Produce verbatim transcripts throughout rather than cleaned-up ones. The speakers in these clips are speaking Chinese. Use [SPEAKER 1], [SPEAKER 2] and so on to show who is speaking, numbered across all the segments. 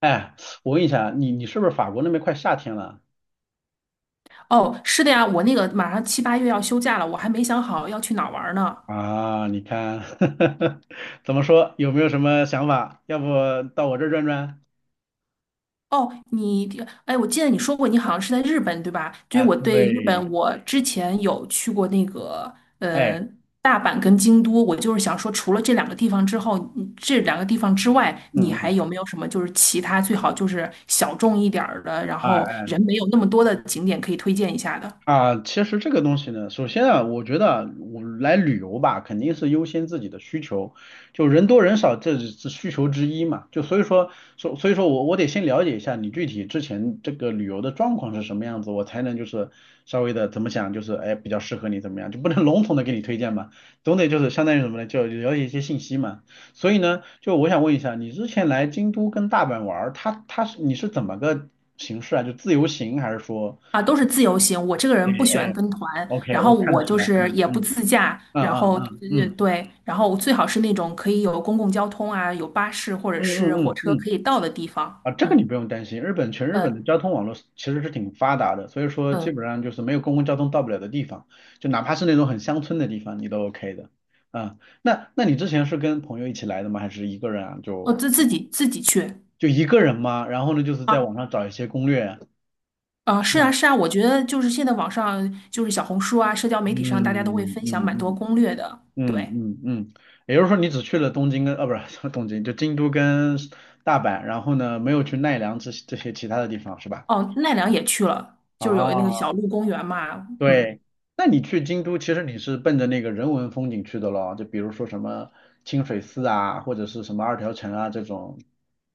[SPEAKER 1] 哎，我问一下，你你是不是法国那边快夏天了
[SPEAKER 2] 哦，是的呀，我那个马上七八月要休假了，我还没想好要去哪儿玩儿呢。
[SPEAKER 1] 啊？你看，怎么说？有没有什么想法？要不到我这儿转转？
[SPEAKER 2] 哦，你，哎，我记得你说过你好像是在日本，对吧？所以
[SPEAKER 1] 哎，
[SPEAKER 2] 我对日
[SPEAKER 1] 对。
[SPEAKER 2] 本，我之前有去过那个
[SPEAKER 1] 哎。
[SPEAKER 2] 呃大阪跟京都，我就是想说，除了这两个地方之后，嗯这两个地方之外，你
[SPEAKER 1] 嗯
[SPEAKER 2] 还
[SPEAKER 1] 嗯。
[SPEAKER 2] 有没有什么就是其他最好就是小众一点儿的，然后
[SPEAKER 1] 啊。
[SPEAKER 2] 人没有那么多的景点可以推荐一下的？
[SPEAKER 1] 啊，其实这个东西呢，首先啊，我觉得啊我来旅游吧，肯定是优先自己的需求，就人多人少，这是需求之一嘛。就所以说，所所以说我我得先了解一下你具体之前这个旅游的状况是什么样子，我才能就是稍微的怎么想，就是哎比较适合你怎么样，就不能笼统的给你推荐嘛，总得就是相当于什么呢，就了解一些信息嘛。所以呢，就我想问一下，你之前来京都跟大阪玩儿，它它是你是怎么个形式啊？就自由行还是说？
[SPEAKER 2] 啊，都是自由行。我这个
[SPEAKER 1] 哎
[SPEAKER 2] 人不喜
[SPEAKER 1] 哎，
[SPEAKER 2] 欢跟团，
[SPEAKER 1] OK，
[SPEAKER 2] 然后
[SPEAKER 1] 我看得
[SPEAKER 2] 我
[SPEAKER 1] 出
[SPEAKER 2] 就
[SPEAKER 1] 来。
[SPEAKER 2] 是
[SPEAKER 1] 嗯
[SPEAKER 2] 也不
[SPEAKER 1] 嗯
[SPEAKER 2] 自驾，
[SPEAKER 1] 嗯
[SPEAKER 2] 然
[SPEAKER 1] 嗯
[SPEAKER 2] 后
[SPEAKER 1] 嗯
[SPEAKER 2] 呃
[SPEAKER 1] 嗯。
[SPEAKER 2] 对，然后最好是那种可以有公共交通啊，有巴士或者
[SPEAKER 1] 嗯
[SPEAKER 2] 是火
[SPEAKER 1] 嗯嗯
[SPEAKER 2] 车
[SPEAKER 1] 嗯。
[SPEAKER 2] 可以到的地方。
[SPEAKER 1] 啊，这个你
[SPEAKER 2] 嗯，
[SPEAKER 1] 不用担心，日本全日本的
[SPEAKER 2] 呃
[SPEAKER 1] 交通网络是其实是挺发达的，所以说基
[SPEAKER 2] 嗯，
[SPEAKER 1] 本上就是没有公共交通到不了的地方，就哪怕是那种很乡村的地方，你都 OK 的。啊，那那你之前是跟朋友一起来的吗？还是一个人啊？
[SPEAKER 2] 我
[SPEAKER 1] 就
[SPEAKER 2] 自自己自己去。
[SPEAKER 1] 就一个人吗？然后呢，就是在网
[SPEAKER 2] 啊
[SPEAKER 1] 上找一些攻略啊，
[SPEAKER 2] 啊，
[SPEAKER 1] 是
[SPEAKER 2] 是啊
[SPEAKER 1] 吧？
[SPEAKER 2] 是啊，我觉得就是现在网上就是小红书啊，社交媒体上大家都会
[SPEAKER 1] 嗯
[SPEAKER 2] 分享蛮多
[SPEAKER 1] 嗯
[SPEAKER 2] 攻略的。
[SPEAKER 1] 嗯嗯。
[SPEAKER 2] 对，
[SPEAKER 1] 嗯嗯，也就是说你只去了东京跟，啊，不是 东京，就京都跟大阪，然后呢，没有去奈良这些这些其他的地方是吧？
[SPEAKER 2] 哦，奈良也去了，就是有那个小
[SPEAKER 1] 啊，
[SPEAKER 2] 鹿公园嘛，嗯，
[SPEAKER 1] 对。那你去京都，其实你是奔着那个人文风景去的咯，就比如说什么清水寺啊，或者是什么二条城啊这种，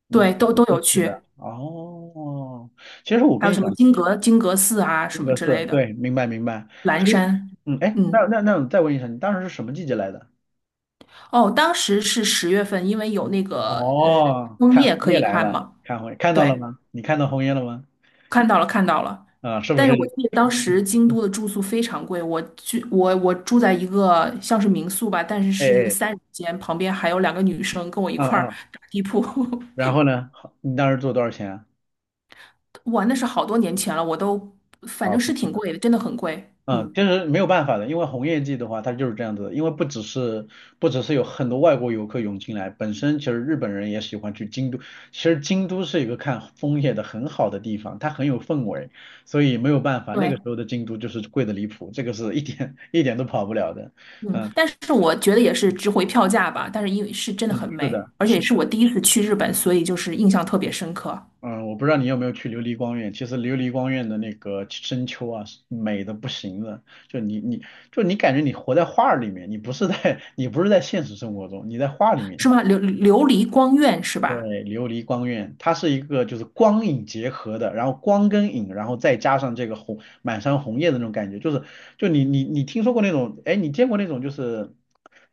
[SPEAKER 1] 你
[SPEAKER 2] 对，都
[SPEAKER 1] 走
[SPEAKER 2] 都
[SPEAKER 1] 过
[SPEAKER 2] 有
[SPEAKER 1] 去
[SPEAKER 2] 去，
[SPEAKER 1] 的。哦，其实我
[SPEAKER 2] 还
[SPEAKER 1] 跟
[SPEAKER 2] 有
[SPEAKER 1] 你
[SPEAKER 2] 什么
[SPEAKER 1] 讲，
[SPEAKER 2] 金阁金阁寺啊什
[SPEAKER 1] 性
[SPEAKER 2] 么
[SPEAKER 1] 格
[SPEAKER 2] 之
[SPEAKER 1] 是，
[SPEAKER 2] 类的。
[SPEAKER 1] 对，明白明白。
[SPEAKER 2] 蓝
[SPEAKER 1] 其实，
[SPEAKER 2] 山，
[SPEAKER 1] 嗯，哎，那
[SPEAKER 2] 嗯，
[SPEAKER 1] 那那我再问一下，你当时是什么季节来的？
[SPEAKER 2] 哦，当时是十月份，因为有那个呃
[SPEAKER 1] 哦，
[SPEAKER 2] 枫
[SPEAKER 1] 看
[SPEAKER 2] 叶
[SPEAKER 1] 红
[SPEAKER 2] 可
[SPEAKER 1] 叶
[SPEAKER 2] 以
[SPEAKER 1] 来
[SPEAKER 2] 看
[SPEAKER 1] 了，
[SPEAKER 2] 嘛，
[SPEAKER 1] 看红叶，看到了
[SPEAKER 2] 对，
[SPEAKER 1] 吗？你看到红叶了吗？
[SPEAKER 2] 看到了看到了。
[SPEAKER 1] 啊，是不
[SPEAKER 2] 但
[SPEAKER 1] 是？
[SPEAKER 2] 是我记得当时
[SPEAKER 1] 嗯
[SPEAKER 2] 京都
[SPEAKER 1] 嗯。
[SPEAKER 2] 的住宿非常贵，我去，我我住在一个像是民宿吧，但是
[SPEAKER 1] 哎
[SPEAKER 2] 是一个
[SPEAKER 1] 哎。
[SPEAKER 2] 三人间，旁边还有两个女生跟我一
[SPEAKER 1] 嗯
[SPEAKER 2] 块儿
[SPEAKER 1] 嗯。
[SPEAKER 2] 打地铺，
[SPEAKER 1] 然后呢？好你当时做多少钱啊？
[SPEAKER 2] 哇，那是好多年前了，我都反
[SPEAKER 1] 啊，
[SPEAKER 2] 正
[SPEAKER 1] 不
[SPEAKER 2] 是
[SPEAKER 1] 记
[SPEAKER 2] 挺
[SPEAKER 1] 得。
[SPEAKER 2] 贵的，真的很贵，
[SPEAKER 1] 嗯，
[SPEAKER 2] 嗯，
[SPEAKER 1] 就是没有办法的，因为红叶季的话，它就是这样子的。因为不只是不只是有很多外国游客涌进来，本身其实日本人也喜欢去京都。其实京都是一个看枫叶的很好的地方，它很有氛围，所以没有办法。那个
[SPEAKER 2] 对，
[SPEAKER 1] 时候的京都就是贵的离谱，这个是一点 一点都跑不了的。
[SPEAKER 2] 嗯，
[SPEAKER 1] 嗯
[SPEAKER 2] 但是我觉得也是值回票价吧。但是因为是真的
[SPEAKER 1] 嗯，
[SPEAKER 2] 很
[SPEAKER 1] 是
[SPEAKER 2] 美，
[SPEAKER 1] 的，
[SPEAKER 2] 而且
[SPEAKER 1] 是。
[SPEAKER 2] 是我第一次去日本，所以就是印象特别深刻，
[SPEAKER 1] 嗯，我不知道你有没有去琉璃光院。其实琉璃光院的那个深秋啊，是美的不行了。就你你就你感觉你活在画儿里面，你不是在 你不是在现实生活中，你在画里
[SPEAKER 2] 是
[SPEAKER 1] 面。
[SPEAKER 2] 吗？琉琉璃光院是
[SPEAKER 1] 对，
[SPEAKER 2] 吧？
[SPEAKER 1] 琉璃光院，它是一个就是光影结合的，然后光跟影，然后再加上这个红满山红叶的那种感觉，就是就你你你听说过那种，哎，你见过那种就是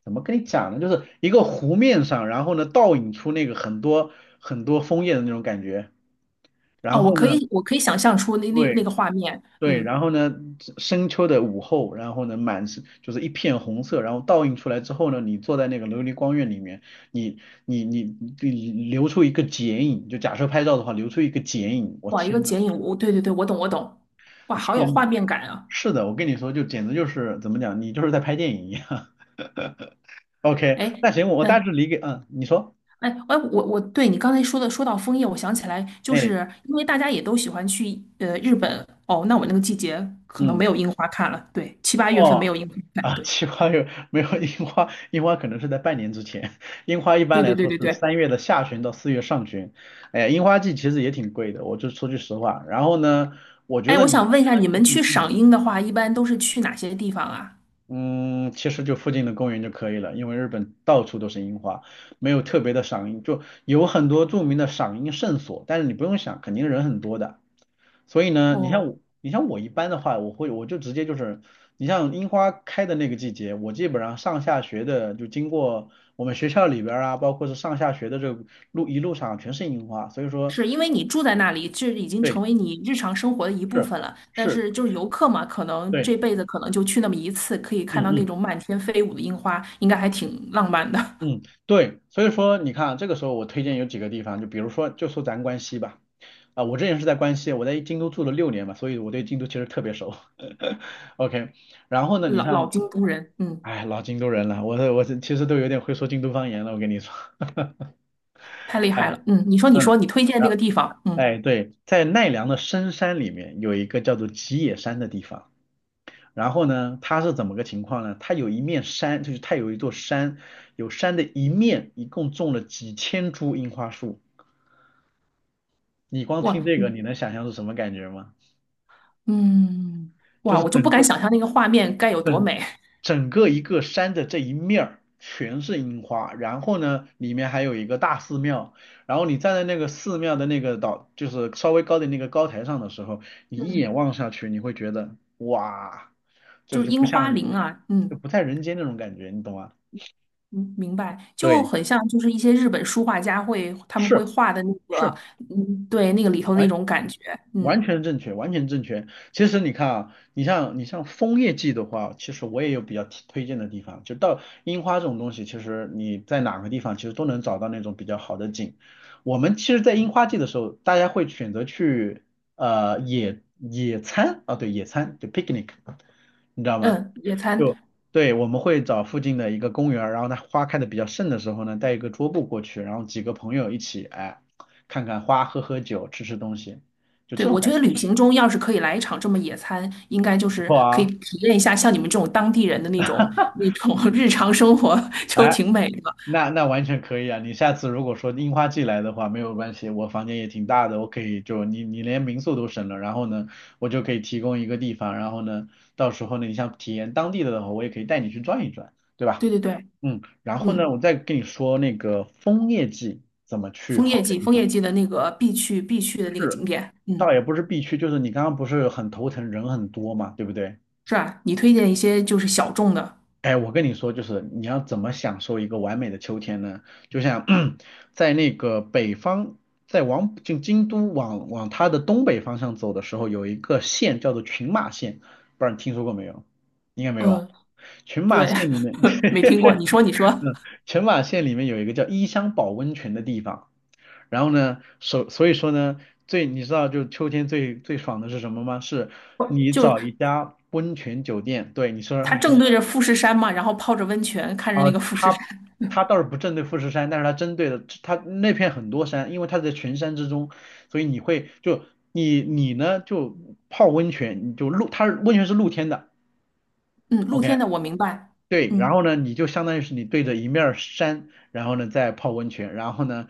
[SPEAKER 1] 怎么跟你讲呢？就是一个湖面上，然后呢倒影出那个很多很多枫叶的那种感觉，
[SPEAKER 2] 哦，
[SPEAKER 1] 然
[SPEAKER 2] 我
[SPEAKER 1] 后
[SPEAKER 2] 可
[SPEAKER 1] 呢。
[SPEAKER 2] 以，我可以想象出那那那
[SPEAKER 1] 对，
[SPEAKER 2] 个画面，
[SPEAKER 1] 对，
[SPEAKER 2] 嗯，
[SPEAKER 1] 然后呢，深秋的午后，然后呢，满是就是一片红色，然后倒映出来之后呢，你坐在那个琉璃光院里面，你你你你留出一个剪影，就假设拍照的话，留出一个剪影，我
[SPEAKER 2] 哇，一个
[SPEAKER 1] 天呐。
[SPEAKER 2] 剪影，我对对对，我懂我懂，哇，好有
[SPEAKER 1] 天呐，
[SPEAKER 2] 画面感啊！
[SPEAKER 1] 是的，我跟你说，就简直就是怎么讲，你就是在拍电影一样。OK，
[SPEAKER 2] 哎，
[SPEAKER 1] 那行，我大致
[SPEAKER 2] 嗯，
[SPEAKER 1] 理解，嗯，你说，
[SPEAKER 2] 哎哎，我我对你刚才说的说到枫叶，我想起来，就
[SPEAKER 1] 哎，
[SPEAKER 2] 是因为大家也都喜欢去呃日本哦，那我那个季节可能
[SPEAKER 1] 嗯，
[SPEAKER 2] 没有樱花看了，对，七八月份没
[SPEAKER 1] 哦。
[SPEAKER 2] 有樱花看，
[SPEAKER 1] 啊，
[SPEAKER 2] 对
[SPEAKER 1] 奇花有没有樱花？樱花可能是在半年之前。樱花一
[SPEAKER 2] 对
[SPEAKER 1] 般来
[SPEAKER 2] 对对
[SPEAKER 1] 说
[SPEAKER 2] 对
[SPEAKER 1] 是
[SPEAKER 2] 对。
[SPEAKER 1] 三月的下旬到四月上旬。哎呀，樱花季其实也挺贵的，我就说句实话。然后呢，我觉
[SPEAKER 2] 哎，
[SPEAKER 1] 得
[SPEAKER 2] 我
[SPEAKER 1] 你，
[SPEAKER 2] 想问一下，你们去
[SPEAKER 1] 嗯
[SPEAKER 2] 赏
[SPEAKER 1] 嗯
[SPEAKER 2] 樱的话，一般都是去哪些地方啊？
[SPEAKER 1] 嗯，嗯，其实就附近的公园就可以了，因为日本到处都是樱花，没有特别的赏樱，就有很多著名的赏樱圣所，但是你不用想，肯定人很多的。所以呢，你像
[SPEAKER 2] 哦，
[SPEAKER 1] 我，你像我一般的话，我会我就直接就是，你像樱花开的那个季节，我基本上上下学的就经过我们学校里边儿啊，包括是上下学的这个路一路上全是樱花，所以说
[SPEAKER 2] 是因为你住在那里，这已经
[SPEAKER 1] 对
[SPEAKER 2] 成为你日常生活的一部
[SPEAKER 1] 是
[SPEAKER 2] 分了。但
[SPEAKER 1] 是，
[SPEAKER 2] 是就是游客嘛，可能
[SPEAKER 1] 对，
[SPEAKER 2] 这辈子可能就去那么一次，可以看
[SPEAKER 1] 嗯
[SPEAKER 2] 到那
[SPEAKER 1] 嗯。
[SPEAKER 2] 种满天飞舞的樱花，应该还挺浪漫的。
[SPEAKER 1] 嗯，对，所以说你看啊，这个时候我推荐有几个地方，就比如说，就说咱关西吧，啊、我之前是在关西，我在京都住了六年嘛，所以我对京都其实特别熟。OK，然后 呢，你
[SPEAKER 2] 老老
[SPEAKER 1] 像，
[SPEAKER 2] 京都人，嗯，
[SPEAKER 1] 哎，老京都人了，我我其实都有点会说京都方言了，我跟你说，
[SPEAKER 2] 太厉 害
[SPEAKER 1] 哎，
[SPEAKER 2] 了，嗯，你说你
[SPEAKER 1] 嗯，
[SPEAKER 2] 说你推荐那
[SPEAKER 1] 然后
[SPEAKER 2] 个地方，嗯，
[SPEAKER 1] 哎，对，在奈良的深山里面有一个叫做吉野山的地方。然后呢，它是怎么个情况呢？它有一面山，就是它有一座山，有山的一面一共种了几千株樱花树。你光
[SPEAKER 2] 哇，
[SPEAKER 1] 听这个，你能想象是什么感觉吗？
[SPEAKER 2] 嗯，
[SPEAKER 1] 就
[SPEAKER 2] 哇，
[SPEAKER 1] 是
[SPEAKER 2] 我就
[SPEAKER 1] 整
[SPEAKER 2] 不敢
[SPEAKER 1] 个
[SPEAKER 2] 想象那个画面该有多
[SPEAKER 1] 整
[SPEAKER 2] 美，
[SPEAKER 1] 整个一个山的这一面儿全是樱花，然后呢，里面还有一个大寺庙，然后你站在那个寺庙的那个岛，就是稍微高的那个高台上的时候，你一眼
[SPEAKER 2] 嗯，
[SPEAKER 1] 望下去，你会觉得哇，这个
[SPEAKER 2] 就是
[SPEAKER 1] 就不
[SPEAKER 2] 樱花
[SPEAKER 1] 像人，
[SPEAKER 2] 林啊，
[SPEAKER 1] 就
[SPEAKER 2] 嗯。
[SPEAKER 1] 不在人间那种感觉，你懂吗？
[SPEAKER 2] 嗯，明白，就
[SPEAKER 1] 对。
[SPEAKER 2] 很像就是一些日本书画家会他们会
[SPEAKER 1] 是
[SPEAKER 2] 画的那个，
[SPEAKER 1] 是，
[SPEAKER 2] 嗯，对，那个里头那
[SPEAKER 1] 完
[SPEAKER 2] 种感觉，
[SPEAKER 1] 完
[SPEAKER 2] 嗯
[SPEAKER 1] 全正确，完全正确。其实你看啊，你像你像枫叶季的话，其实我也有比较提推荐的地方，就到樱花这种东西，其实你在哪个地方其实都能找到那种比较好的景。我们其实，在樱花季的时候，大家会选择去呃野野餐啊，对，野餐就 picnic，你知道吗？
[SPEAKER 2] 嗯，野
[SPEAKER 1] 就
[SPEAKER 2] 餐，
[SPEAKER 1] 对，我们会找附近的一个公园儿然后呢花开的比较盛的时候呢，带一个桌布过去，然后几个朋友一起，哎，看看花，喝喝酒，吃吃东西，就
[SPEAKER 2] 对，
[SPEAKER 1] 这
[SPEAKER 2] 我
[SPEAKER 1] 种感
[SPEAKER 2] 觉
[SPEAKER 1] 觉
[SPEAKER 2] 得旅行中要是可以来一场这么野餐，应该就
[SPEAKER 1] 不
[SPEAKER 2] 是
[SPEAKER 1] 错
[SPEAKER 2] 可以
[SPEAKER 1] 啊。
[SPEAKER 2] 体验一下像你们这种当地人的那种那种 日常生活，就
[SPEAKER 1] 哎，
[SPEAKER 2] 挺美的。
[SPEAKER 1] 那那完全可以啊。你下次如果说樱花季来的话，没有关系，我房间也挺大的，我可以就你你连民宿都省了，然后呢，我就可以提供一个地方，然后呢，到时候呢，你想体验当地的话，我也可以带你去转一转，对吧？
[SPEAKER 2] 对对对，
[SPEAKER 1] 嗯，然后呢，
[SPEAKER 2] 嗯，
[SPEAKER 1] 我再跟你说那个枫叶季怎么去
[SPEAKER 2] 枫叶
[SPEAKER 1] 好的
[SPEAKER 2] 季，
[SPEAKER 1] 地
[SPEAKER 2] 枫
[SPEAKER 1] 方。
[SPEAKER 2] 叶季的那个必去必去的那个
[SPEAKER 1] 是，
[SPEAKER 2] 景点，
[SPEAKER 1] 倒
[SPEAKER 2] 嗯，
[SPEAKER 1] 也不是必去，就是你刚刚不是很头疼，人很多嘛，对不对？
[SPEAKER 2] 是吧？你推荐一些就是小众的，
[SPEAKER 1] 哎，我跟你说，就是你要怎么享受一个完美的秋天呢？就像 在那个北方，在往就京都往往它的东北方向走的时候，有一个县叫做群马县，不知道你听说过没有？应该没有啊。
[SPEAKER 2] 嗯，
[SPEAKER 1] 群马
[SPEAKER 2] 对，
[SPEAKER 1] 县里面，
[SPEAKER 2] 没听过，你说你说。
[SPEAKER 1] 嗯，群马县里面有一个叫伊香保温泉的地方。然后呢，所所以说呢，最你知道就秋天最最爽的是什么吗？是
[SPEAKER 2] 就
[SPEAKER 1] 你
[SPEAKER 2] 是
[SPEAKER 1] 找一家温泉酒店，对你说，
[SPEAKER 2] 它
[SPEAKER 1] 你
[SPEAKER 2] 正
[SPEAKER 1] 说
[SPEAKER 2] 对着富士山嘛，然后泡着温泉，看着那个富士
[SPEAKER 1] 它
[SPEAKER 2] 山。
[SPEAKER 1] 它倒是不针对富士山，但是它针对的它那片很多山，因为它在群山之中，所以你会就你你呢就泡温泉，你就露它是温泉是露天的
[SPEAKER 2] 嗯，露
[SPEAKER 1] ，OK，
[SPEAKER 2] 天的我明白。
[SPEAKER 1] 对，然
[SPEAKER 2] 嗯，
[SPEAKER 1] 后呢，你就相当于是你对着一面儿山，然后呢再泡温泉，然后呢，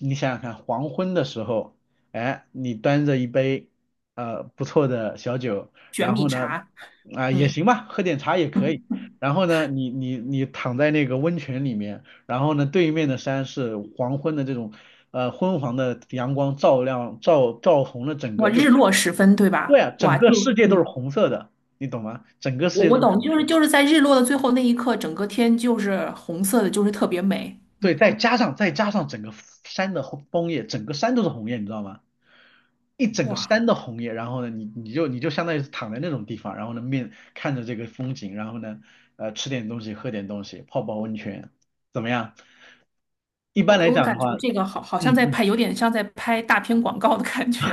[SPEAKER 1] 你想想看，黄昏的时候，哎，你端着一杯呃不错的小酒，
[SPEAKER 2] 卷
[SPEAKER 1] 然
[SPEAKER 2] 米
[SPEAKER 1] 后呢，
[SPEAKER 2] 茶。
[SPEAKER 1] 啊、也
[SPEAKER 2] 嗯，
[SPEAKER 1] 行吧，喝点茶也可以，然后呢，你你你躺在那个温泉里面，然后呢，对面的山是黄昏的这种呃昏黄的阳光照亮照照红了整
[SPEAKER 2] 哇，
[SPEAKER 1] 个，就
[SPEAKER 2] 日落时分，对
[SPEAKER 1] 对
[SPEAKER 2] 吧？
[SPEAKER 1] 啊，整
[SPEAKER 2] 哇，
[SPEAKER 1] 个
[SPEAKER 2] 就
[SPEAKER 1] 世界都是
[SPEAKER 2] 嗯，
[SPEAKER 1] 红色的，你懂吗？整个世
[SPEAKER 2] 我
[SPEAKER 1] 界
[SPEAKER 2] 我
[SPEAKER 1] 都是
[SPEAKER 2] 懂，
[SPEAKER 1] 红
[SPEAKER 2] 就
[SPEAKER 1] 色
[SPEAKER 2] 是
[SPEAKER 1] 的
[SPEAKER 2] 就是在日落的最后那一刻，整个天就是红色的，就是特别美。
[SPEAKER 1] 对，
[SPEAKER 2] 嗯，
[SPEAKER 1] 再加上再加上整个山的红枫叶，整个山都是红叶，你知道吗？一整个
[SPEAKER 2] 哇，
[SPEAKER 1] 山的红叶，然后呢，你你就你就相当于是躺在那种地方，然后呢面看着这个风景，然后呢，呃，吃点东西，喝点东西，泡泡温泉，怎么样？一
[SPEAKER 2] 我
[SPEAKER 1] 般来
[SPEAKER 2] 我
[SPEAKER 1] 讲的
[SPEAKER 2] 感觉
[SPEAKER 1] 话，
[SPEAKER 2] 这个好好
[SPEAKER 1] 嗯
[SPEAKER 2] 像在
[SPEAKER 1] 嗯，
[SPEAKER 2] 拍，有点像在拍大片广告的感 觉，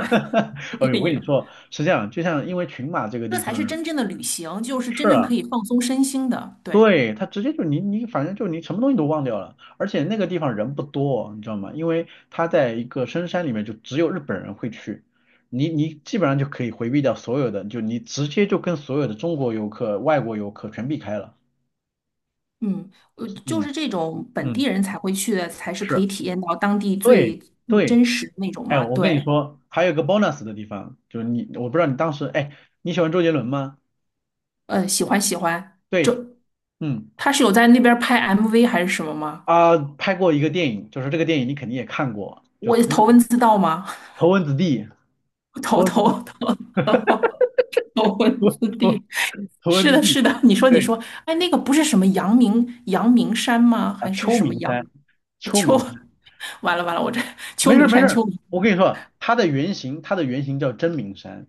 [SPEAKER 1] 我
[SPEAKER 2] 电
[SPEAKER 1] 跟你
[SPEAKER 2] 影。
[SPEAKER 1] 说是这样，就像因为群马这个
[SPEAKER 2] 这
[SPEAKER 1] 地
[SPEAKER 2] 才
[SPEAKER 1] 方
[SPEAKER 2] 是
[SPEAKER 1] 呢，
[SPEAKER 2] 真正的旅行，就是
[SPEAKER 1] 是
[SPEAKER 2] 真正
[SPEAKER 1] 啊。
[SPEAKER 2] 可以放松身心的。对。
[SPEAKER 1] 对，他直接就你你反正就你什么东西都忘掉了，而且那个地方人不多，你知道吗？因为他在一个深山里面，就只有日本人会去，你你基本上就可以回避掉所有的，就你直接就跟所有的中国游客、外国游客全避开了。
[SPEAKER 2] 嗯，呃，就
[SPEAKER 1] 嗯
[SPEAKER 2] 是这种本地
[SPEAKER 1] 嗯，
[SPEAKER 2] 人才会去的，才是可
[SPEAKER 1] 是，
[SPEAKER 2] 以体验到当地
[SPEAKER 1] 对
[SPEAKER 2] 最最
[SPEAKER 1] 对，
[SPEAKER 2] 真实的那种
[SPEAKER 1] 哎，
[SPEAKER 2] 嘛。
[SPEAKER 1] 我跟你
[SPEAKER 2] 对，
[SPEAKER 1] 说，还有个 bonus 的地方，就是你我不知道你当时哎你喜欢周杰伦吗？
[SPEAKER 2] 呃，喜欢喜欢。
[SPEAKER 1] 对，
[SPEAKER 2] 这
[SPEAKER 1] 嗯
[SPEAKER 2] 他是有在那边儿拍 M V 还是什么吗？
[SPEAKER 1] 啊、拍过一个电影，就是这个电影你肯定也看过，就
[SPEAKER 2] 我
[SPEAKER 1] 《头文
[SPEAKER 2] 头文字 D 吗？
[SPEAKER 1] 头文字 D》。头
[SPEAKER 2] 头
[SPEAKER 1] 文字
[SPEAKER 2] 头
[SPEAKER 1] D
[SPEAKER 2] 头头头 文
[SPEAKER 1] 头
[SPEAKER 2] 字
[SPEAKER 1] 头
[SPEAKER 2] D。
[SPEAKER 1] 头文
[SPEAKER 2] 是
[SPEAKER 1] 字
[SPEAKER 2] 的，
[SPEAKER 1] 地，
[SPEAKER 2] 是的。你说，你
[SPEAKER 1] 对
[SPEAKER 2] 说，哎，那个不是什么阳明阳明山吗？
[SPEAKER 1] 啊，
[SPEAKER 2] 还是
[SPEAKER 1] 秋
[SPEAKER 2] 什么
[SPEAKER 1] 名
[SPEAKER 2] 阳？
[SPEAKER 1] 山，秋名山，
[SPEAKER 2] 完了完了，我这
[SPEAKER 1] 没
[SPEAKER 2] 秋
[SPEAKER 1] 事儿
[SPEAKER 2] 名
[SPEAKER 1] 没事
[SPEAKER 2] 山秋
[SPEAKER 1] 儿，
[SPEAKER 2] 名
[SPEAKER 1] 我跟你说，它的原型，它的原型叫真名山，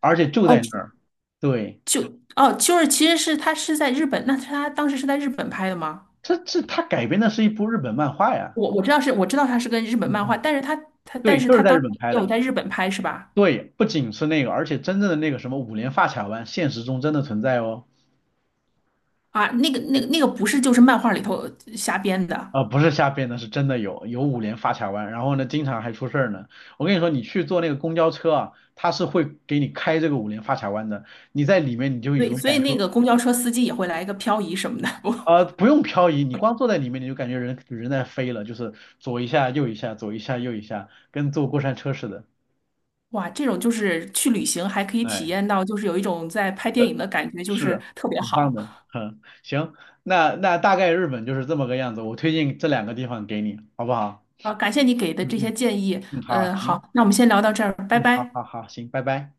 [SPEAKER 1] 而且就
[SPEAKER 2] 哦，
[SPEAKER 1] 在那儿。对，
[SPEAKER 2] 就哦，就是其实是他是在日本，那他当时是在日本拍的吗？
[SPEAKER 1] 这这它改编的是一部日本漫画呀。
[SPEAKER 2] 我我知道是我知道它是跟日本
[SPEAKER 1] 嗯
[SPEAKER 2] 漫画，
[SPEAKER 1] 嗯，
[SPEAKER 2] 但是它它但
[SPEAKER 1] 对，
[SPEAKER 2] 是
[SPEAKER 1] 就是
[SPEAKER 2] 它
[SPEAKER 1] 在
[SPEAKER 2] 当
[SPEAKER 1] 日
[SPEAKER 2] 时
[SPEAKER 1] 本拍
[SPEAKER 2] 也有
[SPEAKER 1] 的。
[SPEAKER 2] 在日本拍是吧？
[SPEAKER 1] 对，不仅是那个，而且真正的那个什么五连发卡湾，现实中真的存在哦。
[SPEAKER 2] 啊，那个那个那个不是就是漫画里头瞎编的，
[SPEAKER 1] 啊，不是瞎编的，是真的有有五连发卡弯，然后呢，经常还出事儿呢。我跟你说，你去坐那个公交车啊，它是会给你开这个五连发卡弯的，你在里面你就有一
[SPEAKER 2] 对，
[SPEAKER 1] 种
[SPEAKER 2] 所以
[SPEAKER 1] 感
[SPEAKER 2] 那
[SPEAKER 1] 受，
[SPEAKER 2] 个公交车司机也会来一个漂移什么的。我
[SPEAKER 1] 啊，不用漂移，你光坐在里面你就感觉人人在飞了，就是左一下右一下，左一下右一下，跟坐过山车似的。
[SPEAKER 2] 哇，这种就是去旅行还可以体
[SPEAKER 1] 哎，
[SPEAKER 2] 验到，就是有一种在拍电
[SPEAKER 1] 对
[SPEAKER 2] 影的感觉，就
[SPEAKER 1] 是
[SPEAKER 2] 是
[SPEAKER 1] 啊
[SPEAKER 2] 特别
[SPEAKER 1] 很棒
[SPEAKER 2] 好
[SPEAKER 1] 的，嗯，行，那那大概日本就是这么个样子，我推荐这两个地方给你，好不好？
[SPEAKER 2] 啊！感谢你给的
[SPEAKER 1] 嗯
[SPEAKER 2] 这些
[SPEAKER 1] 嗯
[SPEAKER 2] 建议，
[SPEAKER 1] 嗯，好，
[SPEAKER 2] 呃，
[SPEAKER 1] 行，
[SPEAKER 2] 好，那我们先聊到这儿，拜
[SPEAKER 1] 嗯，好
[SPEAKER 2] 拜。
[SPEAKER 1] 好好，行，拜拜。